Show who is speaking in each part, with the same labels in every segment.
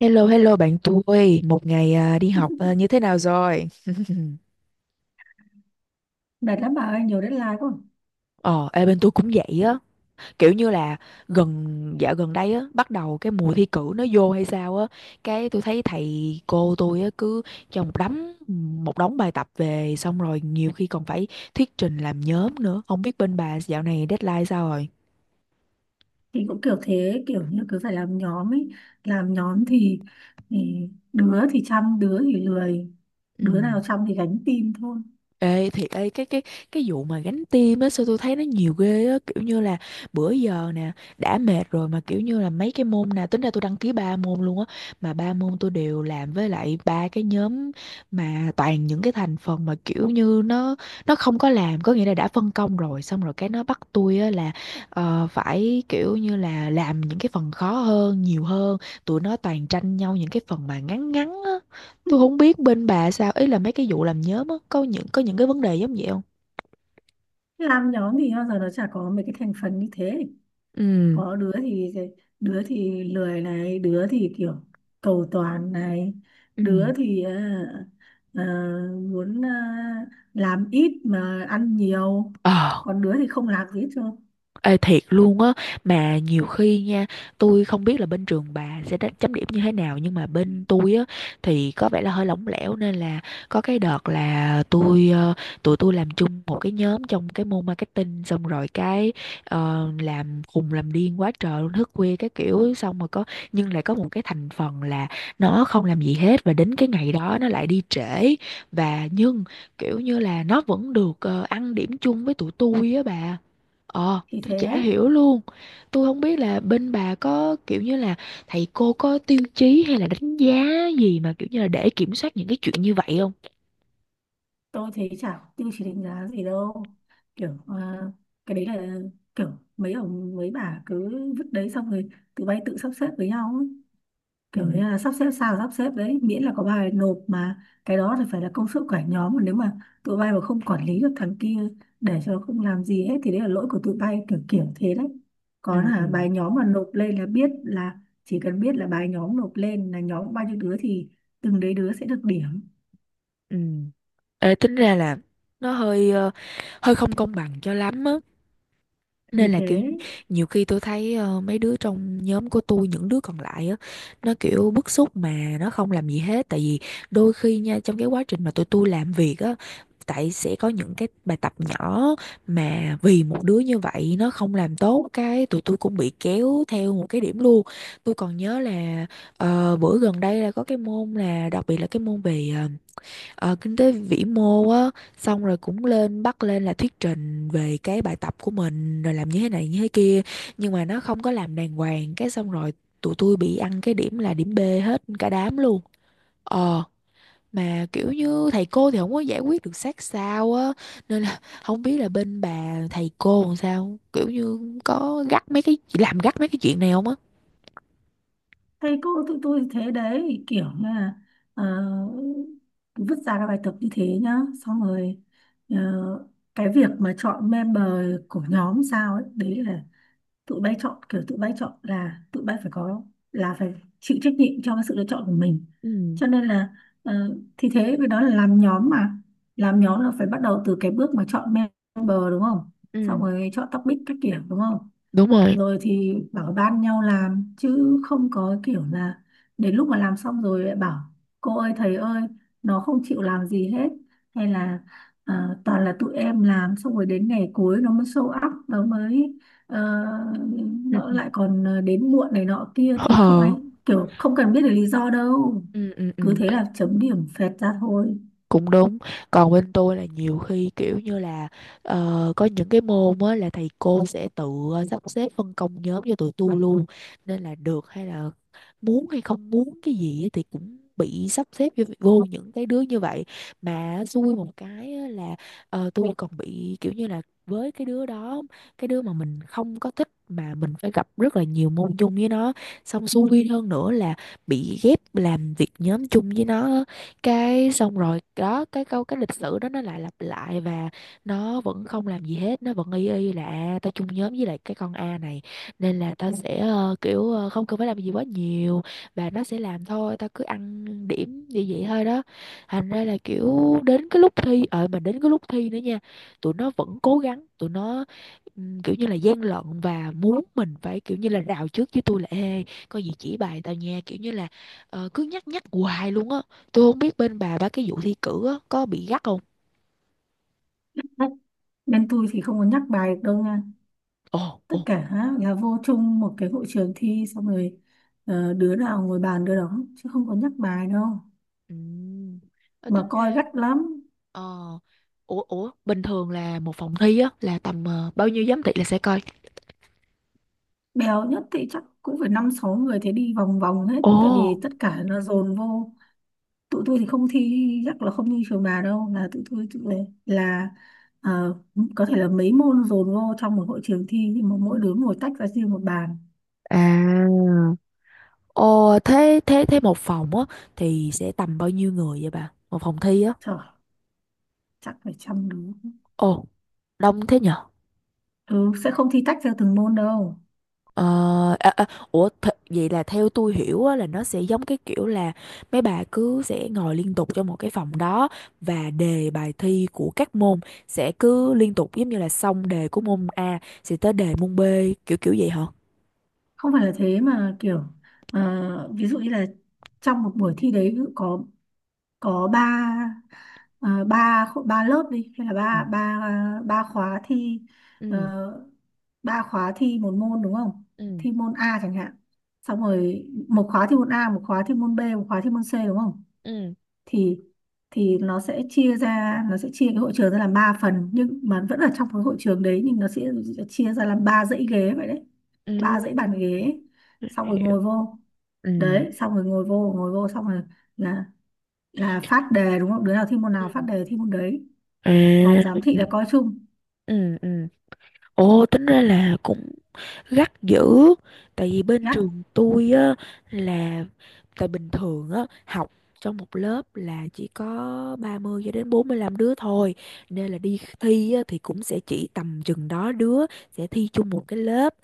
Speaker 1: Hello, hello bạn tôi. Một ngày à, đi học à, như thế nào rồi?
Speaker 2: Mệt lắm bà ơi, nhiều deadline quá.
Speaker 1: Ờ, ê, bên tôi cũng vậy á. Kiểu như là gần dạo gần đây á, bắt đầu cái mùa thi cử nó vô hay sao á. Cái tôi thấy thầy cô tôi á cứ cho một đống bài tập về, xong rồi nhiều khi còn phải thuyết trình làm nhóm nữa. Không biết bên bà dạo này deadline sao rồi?
Speaker 2: Thì cũng kiểu thế, kiểu như cứ phải làm nhóm ấy. Làm nhóm thì đứa thì chăm, đứa thì lười.
Speaker 1: Ừ.
Speaker 2: Đứa nào chăm thì gánh team thôi.
Speaker 1: Ê thiệt ấy, cái vụ mà gánh tim á, sao tôi thấy nó nhiều ghê á, kiểu như là bữa giờ nè đã mệt rồi, mà kiểu như là mấy cái môn nè, tính ra tôi đăng ký ba môn luôn á, mà ba môn tôi đều làm với lại ba cái nhóm, mà toàn những cái thành phần mà kiểu như nó không có làm, có nghĩa là đã phân công rồi, xong rồi cái nó bắt tôi á là phải kiểu như là làm những cái phần khó hơn, nhiều hơn, tụi nó toàn tranh nhau những cái phần mà ngắn ngắn á. Tôi không biết bên bà sao, ý là mấy cái vụ làm nhóm á, có những cái vấn đề giống vậy không?
Speaker 2: Làm nhóm thì bao giờ nó chả có mấy cái thành phần như thế.
Speaker 1: Ừ.
Speaker 2: Có đứa thì lười này, đứa thì kiểu cầu toàn này,
Speaker 1: Ừ.
Speaker 2: đứa thì ờ, muốn làm ít mà ăn nhiều.
Speaker 1: Ờ.
Speaker 2: Còn đứa thì không làm gì hết trơn.
Speaker 1: Ê thiệt luôn á. Mà nhiều khi nha, tôi không biết là bên trường bà sẽ đánh chấm điểm như thế nào, nhưng mà bên tôi á thì có vẻ là hơi lỏng lẻo, nên là có cái đợt là tôi tụi tôi làm chung một cái nhóm trong cái môn marketing. Xong rồi cái làm khùng làm điên quá trời luôn, thức khuya cái kiểu, xong rồi có, nhưng lại có một cái thành phần là nó không làm gì hết, và đến cái ngày đó nó lại đi trễ. Và nhưng kiểu như là nó vẫn được ăn điểm chung với tụi tôi á bà. Ờ,
Speaker 2: Thì
Speaker 1: tôi
Speaker 2: thế.
Speaker 1: chả hiểu luôn. Tôi không biết là bên bà có kiểu như là thầy cô có tiêu chí hay là đánh giá gì mà kiểu như là để kiểm soát những cái chuyện như vậy không?
Speaker 2: Tôi thấy chả có tiêu chí đánh giá gì đâu, kiểu à, cái đấy là kiểu mấy ông mấy bà cứ vứt đấy xong rồi tụi bay tự sắp xếp với nhau ấy.
Speaker 1: Ừ,
Speaker 2: Kiểu như là sắp xếp sao sắp xếp đấy, miễn là có bài nộp mà cái đó thì phải là công sức của cả nhóm, mà nếu mà tụi bay mà không quản lý được thằng kia, để cho nó không làm gì hết thì đấy là lỗi của tụi bay, kiểu kiểu thế đấy. Còn
Speaker 1: ừ, ừ,
Speaker 2: là bài nhóm mà nộp lên là biết là, chỉ cần biết là bài nhóm nộp lên là nhóm bao nhiêu đứa thì từng đấy đứa sẽ được điểm.
Speaker 1: ừ. Ê, tính ra là nó hơi ờ, hơi không công bằng cho lắm á,
Speaker 2: Như
Speaker 1: nên là kiểu
Speaker 2: thế.
Speaker 1: nhiều khi tôi thấy mấy đứa trong nhóm của tôi, những đứa còn lại á, nó kiểu bức xúc mà nó không làm gì hết, tại vì đôi khi nha trong cái quá trình mà tụi tôi làm việc á, tại sẽ có những cái bài tập nhỏ mà vì một đứa như vậy nó không làm tốt, cái tụi tôi cũng bị kéo theo một cái điểm luôn. Tôi còn nhớ là bữa gần đây là có cái môn, là đặc biệt là cái môn về ờ, kinh tế vĩ mô á, xong rồi cũng lên bắt lên là thuyết trình về cái bài tập của mình rồi làm như thế này như thế kia, nhưng mà nó không có làm đàng hoàng, cái xong rồi tụi tôi bị ăn cái điểm là điểm B hết cả đám luôn. Ờ, mà kiểu như thầy cô thì không có giải quyết được sát sao á, nên là không biết là bên bà thầy cô làm sao, kiểu như có gắt mấy cái, làm gắt mấy cái chuyện này không á.
Speaker 2: Thầy cô tụi tôi thế đấy, kiểu là ờ, vứt ra các bài tập như thế nhá, xong rồi ờ, cái việc mà chọn member của nhóm sao ấy, đấy là tụi bay chọn, kiểu tụi bay chọn là tụi bay phải có, là phải chịu trách nhiệm cho cái sự lựa chọn của mình,
Speaker 1: Ừ.
Speaker 2: cho nên là thì thế. Với đó là làm nhóm mà, làm nhóm là phải bắt đầu từ cái bước mà chọn member đúng không, xong
Speaker 1: Ừ,
Speaker 2: rồi chọn topic các kiểu đúng không,
Speaker 1: đúng rồi.
Speaker 2: rồi thì bảo ban nhau làm, chứ không có kiểu là đến lúc mà làm xong rồi lại bảo cô ơi thầy ơi, nó không chịu làm gì hết, hay là toàn là tụi em làm xong rồi đến ngày cuối nó mới show up, nó mới ờ,
Speaker 1: Ừ.
Speaker 2: nó lại còn đến muộn này nọ kia, thì không
Speaker 1: Ờ.
Speaker 2: ai, kiểu không cần biết được lý do đâu,
Speaker 1: Ừ, ừ, ừ.
Speaker 2: cứ thế là chấm điểm phẹt ra thôi.
Speaker 1: Cũng đúng. Còn bên tôi là nhiều khi kiểu như là có những cái môn á là thầy cô sẽ tự sắp xếp phân công nhóm cho tụi tôi luôn, nên là được hay là muốn hay không muốn cái gì á thì cũng bị sắp xếp vô vô những cái đứa như vậy. Mà xui một cái á là tôi còn bị kiểu như là với cái đứa đó, cái đứa mà mình không có thích mà mình phải gặp rất là nhiều môn chung với nó, xong xui hơn nữa là bị ghép làm việc nhóm chung với nó á, cái xong rồi đó cái câu cái lịch sử đó nó lại lặp lại, và nó vẫn không làm gì hết, nó vẫn y y là, à, tao chung nhóm với lại cái con A này nên là tao sẽ ờ, kiểu ờ, không cần phải làm gì quá nhiều và nó sẽ làm thôi, tao cứ ăn điểm như vậy thôi đó. Thành ra là kiểu đến cái lúc thi, ờ, mà đến cái lúc thi nữa nha, tụi nó vẫn cố gắng, tụi nó kiểu như là gian lận, và muốn mình phải kiểu như là rào trước với tôi là, ê coi gì chỉ bài tao nha, kiểu như là cứ nhắc nhắc hoài luôn á. Tôi không biết bên bà ba cái vụ thi cử á, có bị gắt không?
Speaker 2: Nên tôi thì không có nhắc bài được đâu nha,
Speaker 1: Ồ,
Speaker 2: tất
Speaker 1: ồ.
Speaker 2: cả là vô chung một cái hội trường thi, xong rồi đứa nào ngồi bàn đứa đó chứ không có nhắc bài đâu,
Speaker 1: Ừ. Ờ, tính
Speaker 2: mà
Speaker 1: ra
Speaker 2: coi gắt lắm.
Speaker 1: ờ, ủa ủa bình thường là một phòng thi á là tầm ờ, bao nhiêu giám thị là sẽ coi.
Speaker 2: Bèo nhất thì chắc cũng phải năm sáu người thế, đi vòng vòng hết
Speaker 1: Ồ.
Speaker 2: tại vì tất cả nó dồn vô. Tụi tôi thì không thi, chắc là không như trường bà đâu, là tụi tôi tụi này là ờ, có thể là mấy môn dồn vô trong một hội trường thi, nhưng mà mỗi đứa ngồi tách ra riêng một bàn.
Speaker 1: À, ồ, thế thế thế một phòng á thì sẽ tầm bao nhiêu người vậy bà? Một phòng thi á.
Speaker 2: Trời, chắc phải 100 đứa.
Speaker 1: Ồ, đông thế nhỉ?
Speaker 2: Ừ, sẽ không thi tách theo từng môn đâu.
Speaker 1: Ờ, à, à, ủa vậy là theo tôi hiểu á, là nó sẽ giống cái kiểu là mấy bà cứ sẽ ngồi liên tục trong một cái phòng đó, và đề bài thi của các môn sẽ cứ liên tục, giống như là xong đề của môn A sẽ tới đề môn B, kiểu kiểu vậy hả?
Speaker 2: Không phải là thế mà kiểu ví dụ như là trong một buổi thi đấy, ví dụ có ba, ba lớp đi, hay là
Speaker 1: Ừ,
Speaker 2: ba ba ba khóa thi,
Speaker 1: ừ,
Speaker 2: ờ, ba khóa thi một môn đúng không,
Speaker 1: ừ,
Speaker 2: thi môn A chẳng hạn, xong rồi một khóa thi môn A, một khóa thi môn B, một khóa thi môn C đúng không,
Speaker 1: ừ.
Speaker 2: thì thì nó sẽ chia ra, nó sẽ chia cái hội trường ra làm ba phần nhưng mà vẫn ở trong cái hội trường đấy, nhưng nó sẽ chia ra làm ba dãy ghế vậy đấy, ba dãy bàn
Speaker 1: Ừ,
Speaker 2: ghế, xong rồi
Speaker 1: hiểu.
Speaker 2: ngồi vô
Speaker 1: Ừ.
Speaker 2: đấy, xong rồi ngồi vô xong rồi, là là phát đề đúng không, đứa nào thi môn nào phát
Speaker 1: Ừ.
Speaker 2: đề thi môn đấy, còn
Speaker 1: À.
Speaker 2: giám thị là coi chung.
Speaker 1: Ừ, ừ. Ồ, tính ra là cũng gắt dữ, tại vì bên
Speaker 2: Ngắt.
Speaker 1: trường tôi á là tại bình thường á học trong một lớp là chỉ có 30 cho đến 45 đứa thôi, nên là đi thi á thì cũng sẽ chỉ tầm chừng đó đứa sẽ thi chung một cái lớp,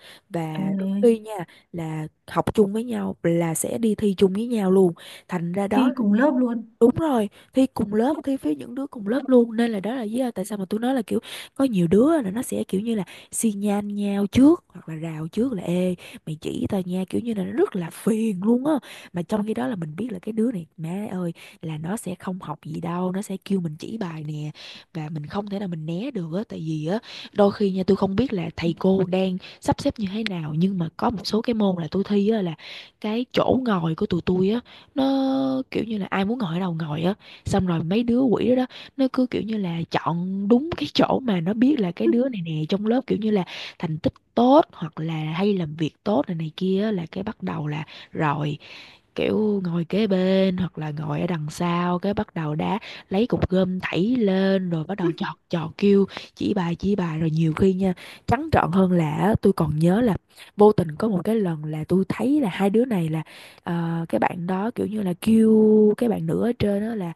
Speaker 2: ờ,
Speaker 1: và đôi khi nha là học chung với nhau là sẽ đi thi chung với nhau luôn, thành ra đó.
Speaker 2: Thi cùng lớp luôn.
Speaker 1: Đúng rồi, thi cùng lớp, thi với những đứa cùng lớp luôn. Nên là đó là lý do tại sao mà tôi nói là kiểu có nhiều đứa là nó sẽ kiểu như là xi nhan nhau trước, hoặc là rào trước là, ê, mày chỉ tao nha, kiểu như là nó rất là phiền luôn á. Mà trong khi đó là mình biết là cái đứa này, má ơi, là nó sẽ không học gì đâu, nó sẽ kêu mình chỉ bài nè. Và mình không thể nào mình né được á. Tại vì á, đôi khi nha tôi không biết là thầy cô đang sắp xếp như thế nào, nhưng mà có một số cái môn là tôi thi á, là cái chỗ ngồi của tụi tôi á nó kiểu như là ai muốn ngồi ở đâu ngồi á, xong rồi mấy đứa quỷ đó, đó, nó cứ kiểu như là chọn đúng cái chỗ mà nó biết là cái đứa này nè, trong lớp kiểu như là thành tích tốt hoặc là hay làm việc tốt này này kia á, là cái bắt đầu là rồi kiểu ngồi kế bên hoặc là ngồi ở đằng sau, cái bắt đầu đá, lấy cục gôm thảy lên rồi bắt đầu chọt chọt kêu chỉ bài chỉ bài. Rồi nhiều khi nha trắng trợn hơn là á, tôi còn nhớ là vô tình có một cái lần là tôi thấy là hai đứa này là, ờ, cái bạn đó kiểu như là kêu cái bạn nữ ở trên đó là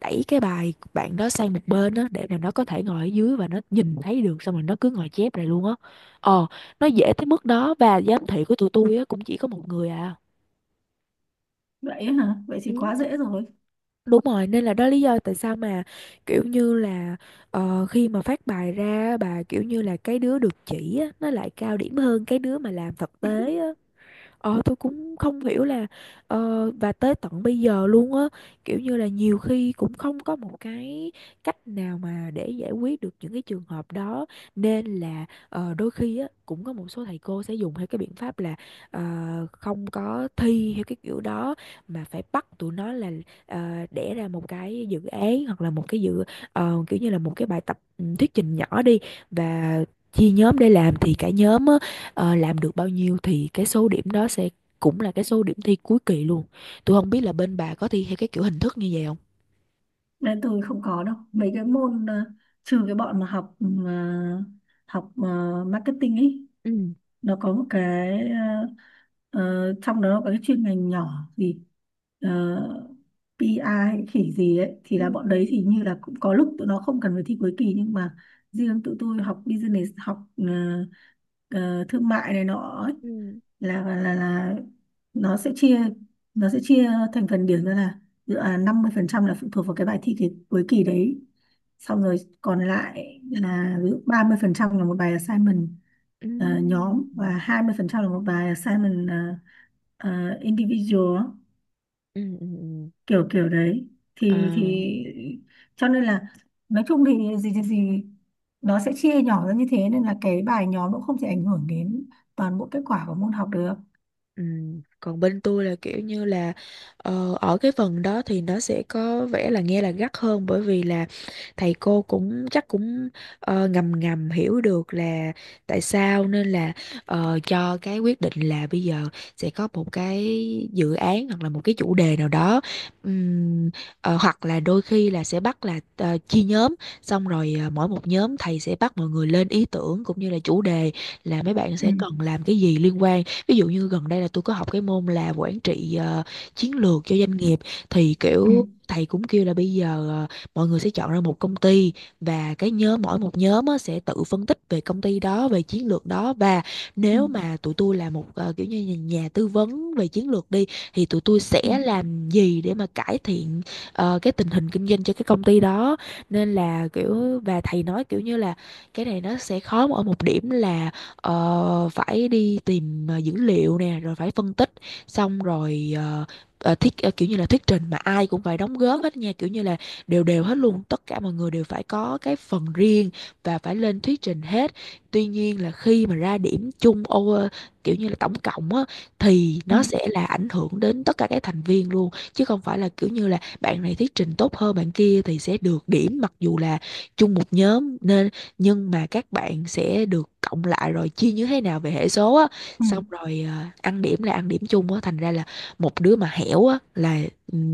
Speaker 1: đẩy cái bài bạn đó sang một bên đó để mà nó có thể ngồi ở dưới và nó nhìn thấy được, xong rồi nó cứ ngồi chép này luôn á. Ờ, nó dễ tới mức đó, và giám thị của tụi tôi á cũng chỉ có một người à.
Speaker 2: Vậy ấy hả, vậy
Speaker 1: Ừ.
Speaker 2: thì quá dễ rồi.
Speaker 1: Đúng rồi, nên là đó lý do tại sao mà kiểu như là khi mà phát bài ra bà, kiểu như là cái đứa được chỉ á, nó lại cao điểm hơn cái đứa mà làm thực tế á. Ờ, tôi cũng không hiểu là và tới tận bây giờ luôn á, kiểu như là nhiều khi cũng không có một cái cách nào mà để giải quyết được những cái trường hợp đó, nên là đôi khi á cũng có một số thầy cô sẽ dùng theo cái biện pháp là ờ, không có thi theo cái kiểu đó, mà phải bắt tụi nó là ờ, đẻ ra một cái dự án hoặc là một cái dự kiểu như là một cái bài tập, ừ, thuyết trình nhỏ đi, và chia nhóm để làm thì cả nhóm á, ờ, làm được bao nhiêu thì cái số điểm đó sẽ cũng là cái số điểm thi cuối kỳ luôn. Tôi không biết là bên bà có thi theo cái kiểu hình thức như vậy không?
Speaker 2: Nên tôi không có đâu, mấy cái môn trừ cái bọn mà học ờ, học marketing ấy,
Speaker 1: Ừ,
Speaker 2: nó có một cái ờ, trong đó nó có cái chuyên ngành nhỏ gì, uh, PI a hay khỉ gì ấy, thì
Speaker 1: ừ,
Speaker 2: là bọn
Speaker 1: ừ,
Speaker 2: đấy thì như là cũng có lúc tụi nó không cần phải thi cuối kỳ, nhưng mà riêng tụi tôi học business, học ờ, thương mại này nọ ấy,
Speaker 1: ừ,
Speaker 2: là nó sẽ chia, nó sẽ chia thành phần điểm ra là dự án 50% là phụ thuộc vào cái bài thi, cái, cuối kỳ đấy, xong rồi còn lại là ví dụ 30% là một bài assignment
Speaker 1: ừ,
Speaker 2: nhóm, và 20% là một bài assignment individual á,
Speaker 1: ừ, ừ, ừ.
Speaker 2: kiểu kiểu đấy,
Speaker 1: À.
Speaker 2: thì cho nên là nói chung thì gì thì gì, nó sẽ chia nhỏ ra như thế nên là cái bài nhóm cũng không thể ảnh hưởng đến toàn bộ kết quả của môn học được.
Speaker 1: Ừ. Còn bên tôi là kiểu như là ở cái phần đó thì nó sẽ có vẻ là nghe là gắt hơn bởi vì là thầy cô cũng chắc cũng ngầm ngầm hiểu được là tại sao, nên là cho cái quyết định là bây giờ sẽ có một cái dự án hoặc là một cái chủ đề nào đó. Ừm, hoặc là đôi khi là sẽ bắt là chia nhóm, xong rồi mỗi một nhóm thầy sẽ bắt mọi người lên ý tưởng cũng như là chủ đề là mấy bạn
Speaker 2: Ừ.
Speaker 1: sẽ cần làm cái gì liên quan. Ví dụ như gần đây là tôi có học cái môn là quản trị chiến lược cho doanh nghiệp, thì
Speaker 2: Ừ.
Speaker 1: kiểu thầy cũng kêu là bây giờ mọi người sẽ chọn ra một công ty và cái nhóm, mỗi một nhóm á, sẽ tự phân tích về công ty đó, về chiến lược đó. Và
Speaker 2: Ừ,
Speaker 1: nếu mà tụi tôi là một kiểu như nhà nhà tư vấn về chiến lược đi, thì tụi tôi
Speaker 2: ừ,
Speaker 1: sẽ làm gì để mà cải thiện cái tình hình kinh doanh cho cái công ty đó. Nên là kiểu, và thầy nói kiểu như là cái này nó sẽ khó ở một điểm là phải đi tìm dữ liệu nè, rồi phải phân tích, xong rồi kiểu như là thuyết trình mà ai cũng phải đóng góp hết nha, kiểu như là đều đều hết luôn, tất cả mọi người đều phải có cái phần riêng và phải lên thuyết trình hết. Tuy nhiên là khi mà ra điểm chung kiểu như là tổng cộng á, thì
Speaker 2: ừ,
Speaker 1: nó sẽ là ảnh hưởng đến tất cả các thành viên luôn, chứ không phải là kiểu như là bạn này thuyết trình tốt hơn bạn kia thì sẽ được điểm, mặc dù là chung một nhóm. Nên nhưng mà các bạn sẽ được cộng lại rồi chia như thế nào về hệ số á,
Speaker 2: ừ.
Speaker 1: xong rồi ăn điểm là ăn điểm chung á, thành ra là một đứa mà hẻo á là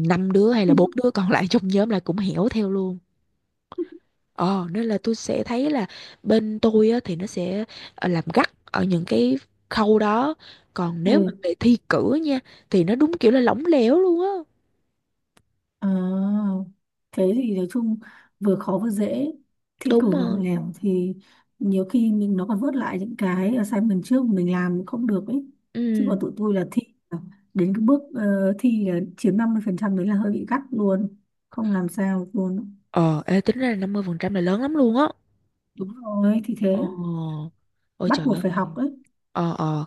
Speaker 1: năm đứa hay là bốn đứa còn lại trong nhóm là cũng hẻo theo luôn. Ờ Nên là tôi sẽ thấy là bên tôi á thì nó sẽ làm gắt ở những cái khâu đó, còn nếu mà
Speaker 2: Ừ.
Speaker 1: về thi cử nha thì nó đúng kiểu là lỏng lẻo luôn á.
Speaker 2: À, cái gì nói chung vừa khó vừa dễ, thi
Speaker 1: Đúng
Speaker 2: cử lòng
Speaker 1: rồi,
Speaker 2: lẻo thì nhiều khi mình nó còn vớt lại những cái assignment trước mình làm không được ấy, chứ còn
Speaker 1: ừ,
Speaker 2: tụi tôi là thi, là đến cái bước thi là chiếm 50% đấy là hơi bị gắt luôn, không làm sao luôn.
Speaker 1: ờ ê, tính ra là 50% là lớn lắm luôn á.
Speaker 2: Đúng rồi, thì
Speaker 1: ờ
Speaker 2: thế.
Speaker 1: Ôi
Speaker 2: Bắt
Speaker 1: trời
Speaker 2: buộc
Speaker 1: ơi.
Speaker 2: phải học ấy.
Speaker 1: ờ ờ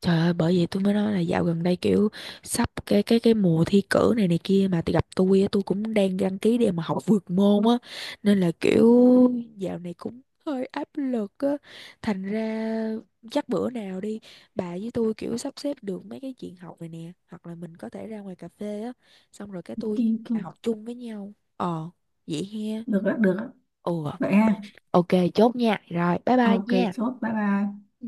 Speaker 1: Trời ơi, bởi vậy tôi mới nói là dạo gần đây kiểu sắp cái mùa thi cử này này kia, mà tôi gặp tôi á, tôi cũng đang đăng ký để mà học vượt môn á, nên là kiểu dạo này cũng hơi áp lực á. Thành ra chắc bữa nào đi, bà với tôi kiểu sắp xếp được mấy cái chuyện học này nè, hoặc là mình có thể ra ngoài cà phê á, xong rồi cái tôi
Speaker 2: Kỳ.
Speaker 1: bà học chung với nhau, vậy he.
Speaker 2: Được ạ, được ạ.
Speaker 1: Ừ,
Speaker 2: Vậy ha.
Speaker 1: ok, chốt nha, rồi bye bye
Speaker 2: Ok.
Speaker 1: nha.
Speaker 2: Chốt bye bye.
Speaker 1: Ừ.